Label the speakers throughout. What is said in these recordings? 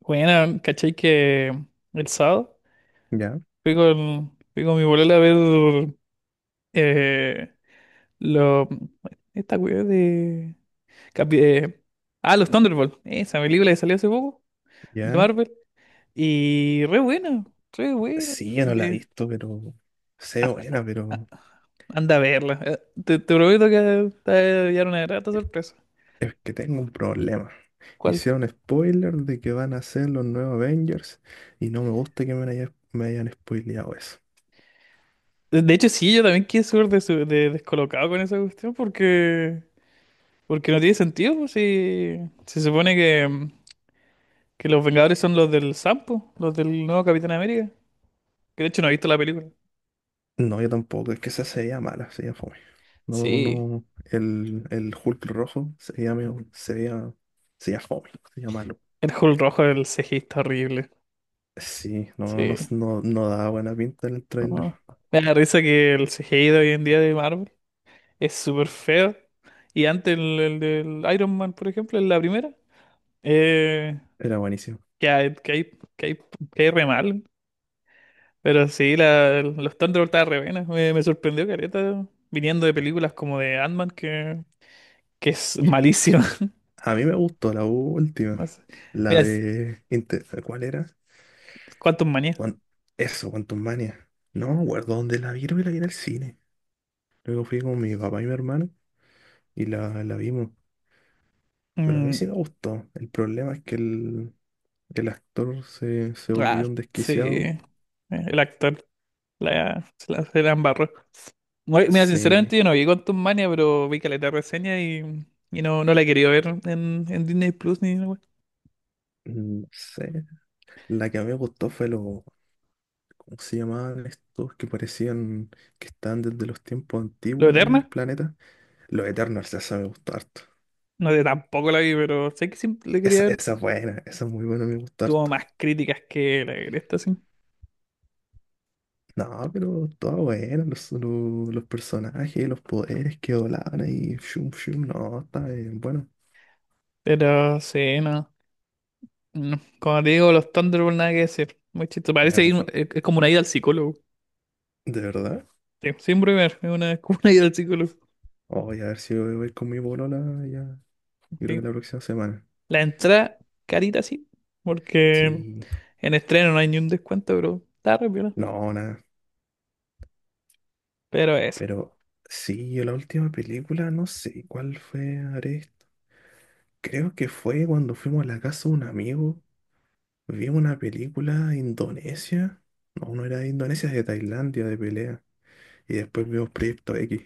Speaker 1: Bueno, ¿cachai que el sábado
Speaker 2: Ya,
Speaker 1: fui con mi bolola a ver eh, lo, esta weá de, capi- eh, los Thunderbolts, esa película que salió hace poco de
Speaker 2: ya.
Speaker 1: Marvel. Y re buena, re buena.
Speaker 2: Sí, yo no la he
Speaker 1: Eh,
Speaker 2: visto, pero sé buena, pero
Speaker 1: Anda a verla. Te prometo que te va a llevar una grata sorpresa.
Speaker 2: es que tengo un problema.
Speaker 1: ¿Cuál?
Speaker 2: Hicieron spoiler de que van a ser los nuevos Avengers y no me gusta que me hayan spoileado eso.
Speaker 1: De hecho, sí, yo también quedé súper descolocado con esa cuestión porque, porque no tiene sentido, pues, si se supone que. Que los Vengadores son los del Sampo, los del nuevo Capitán América. Que de hecho no he visto la película.
Speaker 2: No, yo tampoco, es que esa sería mala, sería fome. No,
Speaker 1: Sí,
Speaker 2: no, el Hulk rojo sería, sería fome, sería malo.
Speaker 1: el Hulk rojo del CGI está horrible.
Speaker 2: Sí, no, no, no,
Speaker 1: Sí.
Speaker 2: no no daba buena pinta en el tráiler.
Speaker 1: No. Me da risa que el CGI de hoy en día de Marvel es súper feo. Y antes el del Iron Man, por ejemplo, en la primera, eh,
Speaker 2: Era buenísimo.
Speaker 1: que hay, que hay, que hay re mal. Pero sí, los Thunderbolts estaban re buenas. Me sorprendió Careta viniendo de películas como de Ant-Man, que es malísimo.
Speaker 2: A mí me gustó la última.
Speaker 1: No sé.
Speaker 2: La
Speaker 1: Mira,
Speaker 2: de... ¿Cuál era?
Speaker 1: ¿cuántos manías?
Speaker 2: Guan- Eso, Quantum Mania. No me acuerdo dónde la vi, creo que la vi en el cine. Luego fui con mi papá y mi hermano y la vimos. Pero a mí
Speaker 1: Mm,
Speaker 2: sí me gustó. El problema es que el actor se
Speaker 1: ah,
Speaker 2: volvió un
Speaker 1: sí.
Speaker 2: desquiciado.
Speaker 1: El actor se la embarró. No, mira,
Speaker 2: Sí,
Speaker 1: sinceramente yo no vi Quantum Mania, pero vi caleta de reseña y no, no la he querido ver en Disney Plus ni nada.
Speaker 2: no sé. La que a mí me gustó fue lo. ¿Cómo se llamaban estos que parecían que estaban desde los tiempos
Speaker 1: Lo
Speaker 2: antiguos en el
Speaker 1: Eterna,
Speaker 2: planeta? Los Eternals, esa me gustó harto.
Speaker 1: no sé, tampoco la vi, pero sé que siempre la quería
Speaker 2: Esa,
Speaker 1: ver.
Speaker 2: esa es buena, esa es muy buena, me gustó
Speaker 1: Tuvo
Speaker 2: harto.
Speaker 1: más críticas que la de esta, sí.
Speaker 2: No, pero todo bueno, los personajes, los poderes que volaban ahí, shum, shum, no, está bien, bueno,
Speaker 1: Pero sí, no. No. Como te digo, los Thunderbolts nada que decir. Muy chistoso.
Speaker 2: ya,
Speaker 1: Es como una ida al psicólogo.
Speaker 2: de verdad.
Speaker 1: Sí, siempre ver, es una, es como una ida al psicólogo.
Speaker 2: Oh, voy a ver si voy con mi bolola, ya, yo creo
Speaker 1: Sí.
Speaker 2: que la próxima semana.
Speaker 1: La entrada carita sí, porque
Speaker 2: Sí,
Speaker 1: en estreno no hay ni un descuento, bro. Está re piola.
Speaker 2: no, nada,
Speaker 1: Pero eso,
Speaker 2: pero sí, yo la última película, no sé cuál fue, Ares, creo que fue cuando fuimos a la casa de un amigo, vimos una película de Indonesia, no, no era de Indonesia, de Tailandia, de pelea, y después vimos Proyecto X.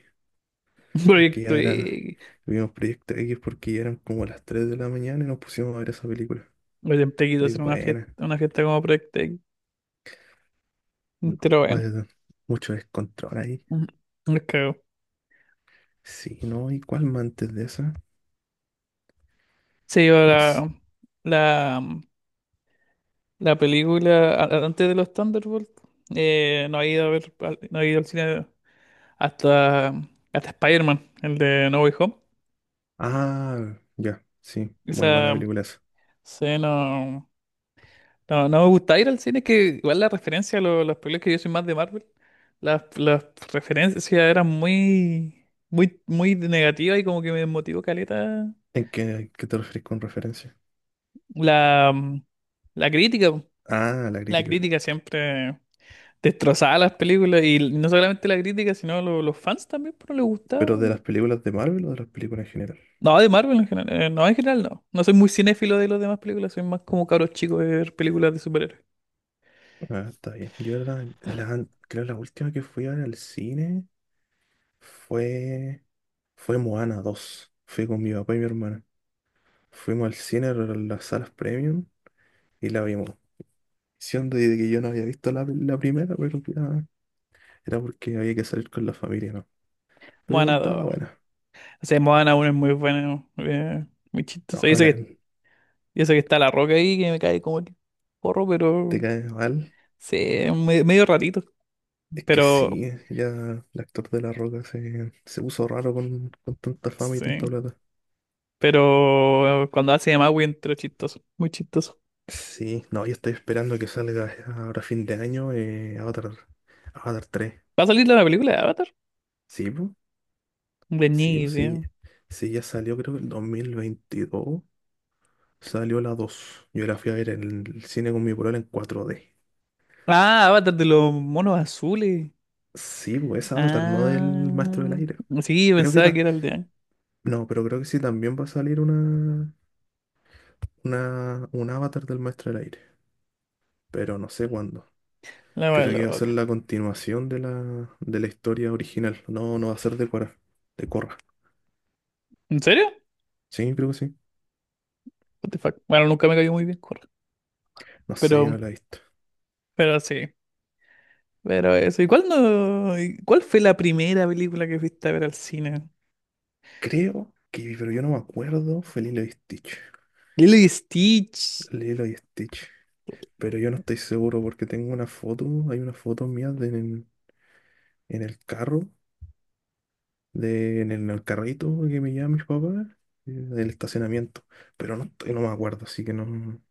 Speaker 2: porque ya
Speaker 1: proyecto
Speaker 2: era,
Speaker 1: y...
Speaker 2: Vimos Proyecto X porque ya eran como las 3 de la mañana y nos pusimos a ver esa película.
Speaker 1: Yo siempre quise
Speaker 2: Muy
Speaker 1: hacer
Speaker 2: buena.
Speaker 1: una fiesta como proyecto X.
Speaker 2: No,
Speaker 1: Pero bueno,
Speaker 2: pues, mucho descontrol ahí.
Speaker 1: me cago.
Speaker 2: Sí, ¿no? ¿Y cuál más antes de esa?
Speaker 1: Se iba
Speaker 2: No sé.
Speaker 1: la, la película antes de los Thunderbolts. No he ido a ver, no he ido al cine hasta, hasta Spider-Man, el de No Way Home.
Speaker 2: Ah, ya, sí, muy buena
Speaker 1: Esa
Speaker 2: película esa.
Speaker 1: escena no, no me gusta ir al cine, que igual la referencia a las películas que yo soy más de Marvel, las referencias eran muy negativas y como que me desmotivó caleta
Speaker 2: ¿Qué te referís con referencia?
Speaker 1: la, la crítica, po.
Speaker 2: Ah, la
Speaker 1: La
Speaker 2: crítica.
Speaker 1: crítica siempre destrozaba las películas y no solamente la crítica, sino los fans también, pero les gustaba.
Speaker 2: ¿Pero de las películas de Marvel o de las películas en general?
Speaker 1: No, de Marvel en general, no, en general no. No soy muy cinéfilo de las demás películas, soy más como cabros chicos de ver películas de superhéroes.
Speaker 2: Ah, está bien. Yo creo la última que fui a ver al cine fue, fue Moana 2. Fui con mi papá y mi hermana. Fuimos al cine, a las salas premium, y la vimos. Siendo de que yo no había visto la primera, pero ya era porque había que salir con la familia, ¿no? Pero igual
Speaker 1: Moana
Speaker 2: estaba
Speaker 1: dos.
Speaker 2: buena.
Speaker 1: O sea, Moana uno es muy bueno, muy
Speaker 2: No,
Speaker 1: chistoso.
Speaker 2: no,
Speaker 1: Dice que y eso que está la roca ahí que me cae como el porro,
Speaker 2: te
Speaker 1: pero
Speaker 2: cae mal.
Speaker 1: sí, es medio ratito.
Speaker 2: Es que
Speaker 1: Pero
Speaker 2: sí, ya el actor de La Roca se puso raro con tanta fama y
Speaker 1: sí,
Speaker 2: tanta plata.
Speaker 1: pero cuando hace de Maui entró chistoso, muy chistoso.
Speaker 2: Sí, no, yo estoy esperando que salga ahora fin de año, Avatar, Avatar 3.
Speaker 1: ¿Va a salir la película de Avatar?
Speaker 2: Sí, pues,
Speaker 1: De
Speaker 2: sí,
Speaker 1: ni
Speaker 2: pues, sí,
Speaker 1: idea.
Speaker 2: sí, ya salió creo que el 2022. Salió la dos. Yo la fui a ver en el cine con mi polola en 4D.
Speaker 1: Ah, Avatar de los monos azules.
Speaker 2: Sí, pues esa Avatar, no del
Speaker 1: Ah,
Speaker 2: Maestro del Aire.
Speaker 1: sí,
Speaker 2: Creo que
Speaker 1: pensaba que
Speaker 2: ta-
Speaker 1: era el de
Speaker 2: No, pero creo que sí también va a salir un Avatar del Maestro del Aire. Pero no sé cuándo.
Speaker 1: la wea
Speaker 2: Creo que va a ser
Speaker 1: loca.
Speaker 2: la continuación de la historia original. No, no va a ser de Korra. De Korra.
Speaker 1: ¿En serio?
Speaker 2: Sí, creo que sí.
Speaker 1: What the fuck. Bueno, nunca me cayó muy bien, corre.
Speaker 2: No sé, yo no
Speaker 1: Pero,
Speaker 2: la he visto.
Speaker 1: pero sí. Pero eso. ¿Y cuál no? ¿Y cuál fue la primera película que fuiste a ver al cine?
Speaker 2: Creo que, pero yo no me acuerdo, fue Lilo y Stitch.
Speaker 1: Lilo y Stitch.
Speaker 2: Lilo y Stitch. Pero yo no estoy seguro porque tengo una foto, hay una foto mía de, en el carro, de, en el carrito que me llevan mis papás, del estacionamiento. Pero no, no me acuerdo, así que no,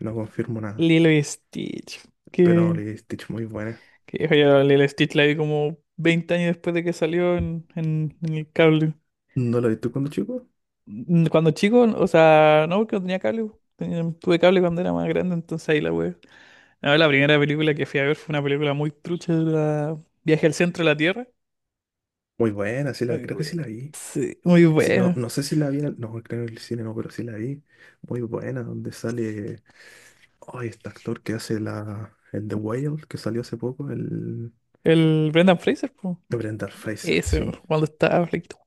Speaker 2: no confirmo nada.
Speaker 1: Lilo y Stitch.
Speaker 2: Pero
Speaker 1: Que,
Speaker 2: Lilo y Stitch muy buena.
Speaker 1: que hijo, yo Lilo y Stitch la vi como veinte años después de que salió en, en el cable.
Speaker 2: ¿No la viste cuando chico?
Speaker 1: Mm, cuando chico, o sea, no, porque no tenía cable. Tuve cable cuando era más grande, entonces ahí la web. No, la primera película que fui a ver fue una película muy trucha, la Viaje al centro de la Tierra.
Speaker 2: Muy buena,
Speaker 1: Muy
Speaker 2: creo que sí
Speaker 1: buena.
Speaker 2: la vi.
Speaker 1: Sí, muy
Speaker 2: Sí, no,
Speaker 1: buena.
Speaker 2: no sé si la vi, no, creo en el cine no, pero sí la vi. Muy buena, donde sale, ay, este actor que hace el The Whale, que salió hace poco, el
Speaker 1: El Brendan Fraser, po.
Speaker 2: Brendan Fraser,
Speaker 1: Ese,
Speaker 2: sí.
Speaker 1: cuando estaba flaquito.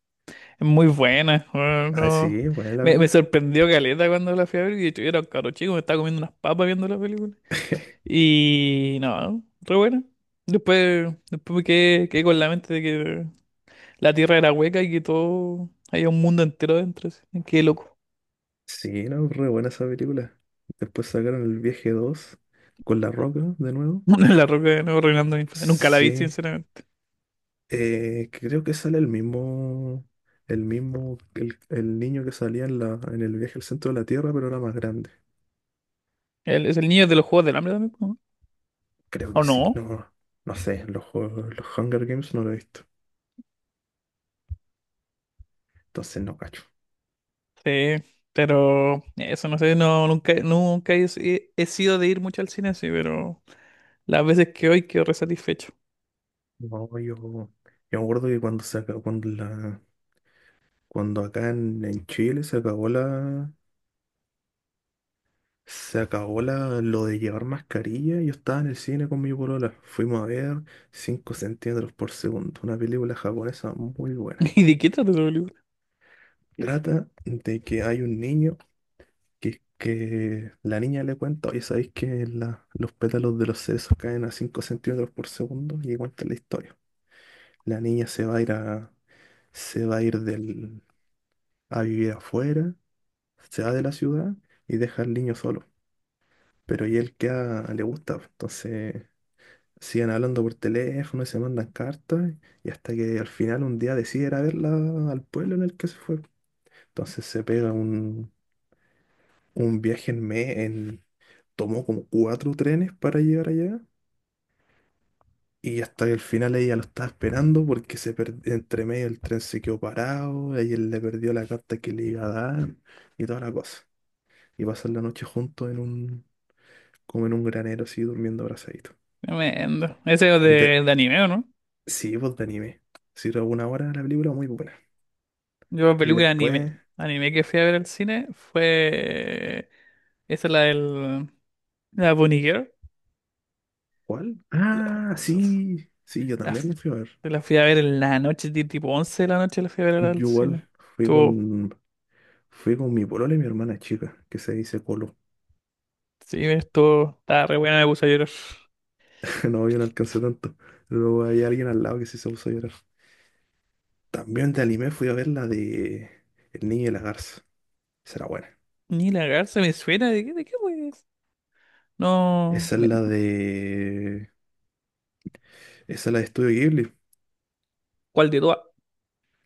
Speaker 1: Es muy buena, bueno
Speaker 2: Ah,
Speaker 1: no.
Speaker 2: sí, buena la
Speaker 1: Me
Speaker 2: película.
Speaker 1: sorprendió caleta cuando la fui a ver. Y de hecho, yo era un caro chico, me estaba comiendo unas papas viendo la película. Y no, re buena. Después quedé con la mente de que la tierra era hueca y que todo. Había un mundo entero dentro, así. Qué loco.
Speaker 2: Sí, no, re buena esa película. Después sacaron El Viaje 2 con La Roca de nuevo.
Speaker 1: La roca de nuevo reinando mi infancia. Nunca la vi,
Speaker 2: Sí,
Speaker 1: sinceramente.
Speaker 2: creo que sale el mismo el niño que salía en el viaje al centro de la Tierra, pero era más grande.
Speaker 1: Es el niño de los Juegos del Hambre también,
Speaker 2: Creo
Speaker 1: ¿no?
Speaker 2: que
Speaker 1: ¿O
Speaker 2: sí,
Speaker 1: no?
Speaker 2: no, no sé, los Hunger Games no lo he visto, entonces no cacho.
Speaker 1: Sí, pero eso no sé, no, nunca he, he sido de ir mucho al cine, sí, pero las veces que hoy quedo re satisfecho.
Speaker 2: No, yo me acuerdo que cuando acá en Chile se acabó lo de llevar mascarilla. Yo estaba en el cine con mi polola. Fuimos a ver 5 centímetros por segundo, una película japonesa muy buena.
Speaker 1: ¿Y de qué trata esa película?
Speaker 2: Trata de que hay un niño que la niña le cuenta, oye, ¿sabéis que los pétalos de los cerezos caen a 5 centímetros por segundo? Y cuenta la historia. La niña se va a ir del, a vivir afuera, se va de la ciudad y deja al niño solo. Pero y él queda, le gusta, pues, entonces siguen hablando por teléfono y se mandan cartas y hasta que al final un día decide ir a verla al pueblo en el que se fue. Entonces se pega un viaje tomó como cuatro trenes para llegar allá y hasta que al final ella lo estaba esperando porque entre medio el tren se quedó parado, ella le perdió la carta que le iba a dar y toda la cosa. Y pasan la noche juntos como en un granero así durmiendo abrazaditos.
Speaker 1: Tremendo. Ese es
Speaker 2: De,
Speaker 1: de anime, ¿o no?
Speaker 2: sí, pues de anime. Si alguna hora la película muy buena.
Speaker 1: Yo,
Speaker 2: Y
Speaker 1: película de anime.
Speaker 2: después,
Speaker 1: Anime que fui a ver al cine fue. Esa es la del. La Bunny Girl.
Speaker 2: ¿cuál?
Speaker 1: La,
Speaker 2: Ah, sí, sí, yo
Speaker 1: la
Speaker 2: también
Speaker 1: fu-
Speaker 2: la fui a ver.
Speaker 1: la fui a ver en la noche, tipo 11 de la noche, la fui a ver
Speaker 2: Yo
Speaker 1: al
Speaker 2: igual
Speaker 1: cine.
Speaker 2: fui
Speaker 1: Estuvo.
Speaker 2: con, fui con mi polola y mi hermana chica, que se dice Colo.
Speaker 1: Sí, estuvo. Estaba re buena, me puse a llorar.
Speaker 2: No, yo no alcancé tanto. Luego hay alguien al lado que sí se puso a llorar. También de anime fui a ver la de El Niño y la Garza. Esa era buena.
Speaker 1: Ni la garza me suena. De qué, fue no,
Speaker 2: Esa es la de... Esa es la de Estudio Ghibli.
Speaker 1: ¿cuál de todas?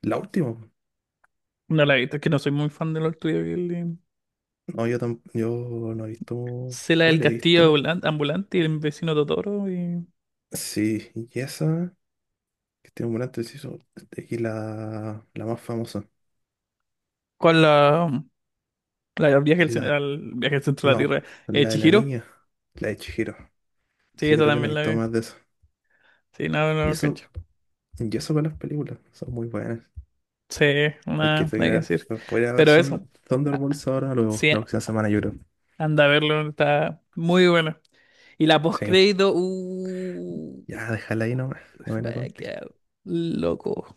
Speaker 2: La última.
Speaker 1: No la he visto, es que no soy muy fan de los tuyos.
Speaker 2: No, yo no he visto...
Speaker 1: Sé la del
Speaker 2: ¿Cuál he
Speaker 1: castillo
Speaker 2: visto?
Speaker 1: ambulante y el vecino Totoro. Y...
Speaker 2: Sí, y esa, que tiene un gran inciso, y la más famosa.
Speaker 1: ¿Cuál la del viaje al,
Speaker 2: La,
Speaker 1: al viaje al centro de la
Speaker 2: no, po,
Speaker 1: Tierra?
Speaker 2: la de la
Speaker 1: ¿Chihiro?
Speaker 2: niña, la de Chihiro.
Speaker 1: Sí,
Speaker 2: Sí,
Speaker 1: esa
Speaker 2: creo que no
Speaker 1: también
Speaker 2: hay
Speaker 1: la vi.
Speaker 2: tomas de eso.
Speaker 1: Sí, no, no,
Speaker 2: Y
Speaker 1: no,
Speaker 2: eso,
Speaker 1: cacho.
Speaker 2: y eso con las películas, son muy buenas.
Speaker 1: Sí,
Speaker 2: Hay que
Speaker 1: nada, nada que
Speaker 2: tener,
Speaker 1: decir.
Speaker 2: Voy a ir a ver
Speaker 1: Pero eso, ah,
Speaker 2: Thunderbolts ahora, luego,
Speaker 1: sí,
Speaker 2: la próxima semana, yo creo.
Speaker 1: anda a verlo, está muy bueno. Y la
Speaker 2: Sí,
Speaker 1: postcrédito,
Speaker 2: ya, déjala ahí nomás, no me la
Speaker 1: vaya,
Speaker 2: conté.
Speaker 1: quedar loco.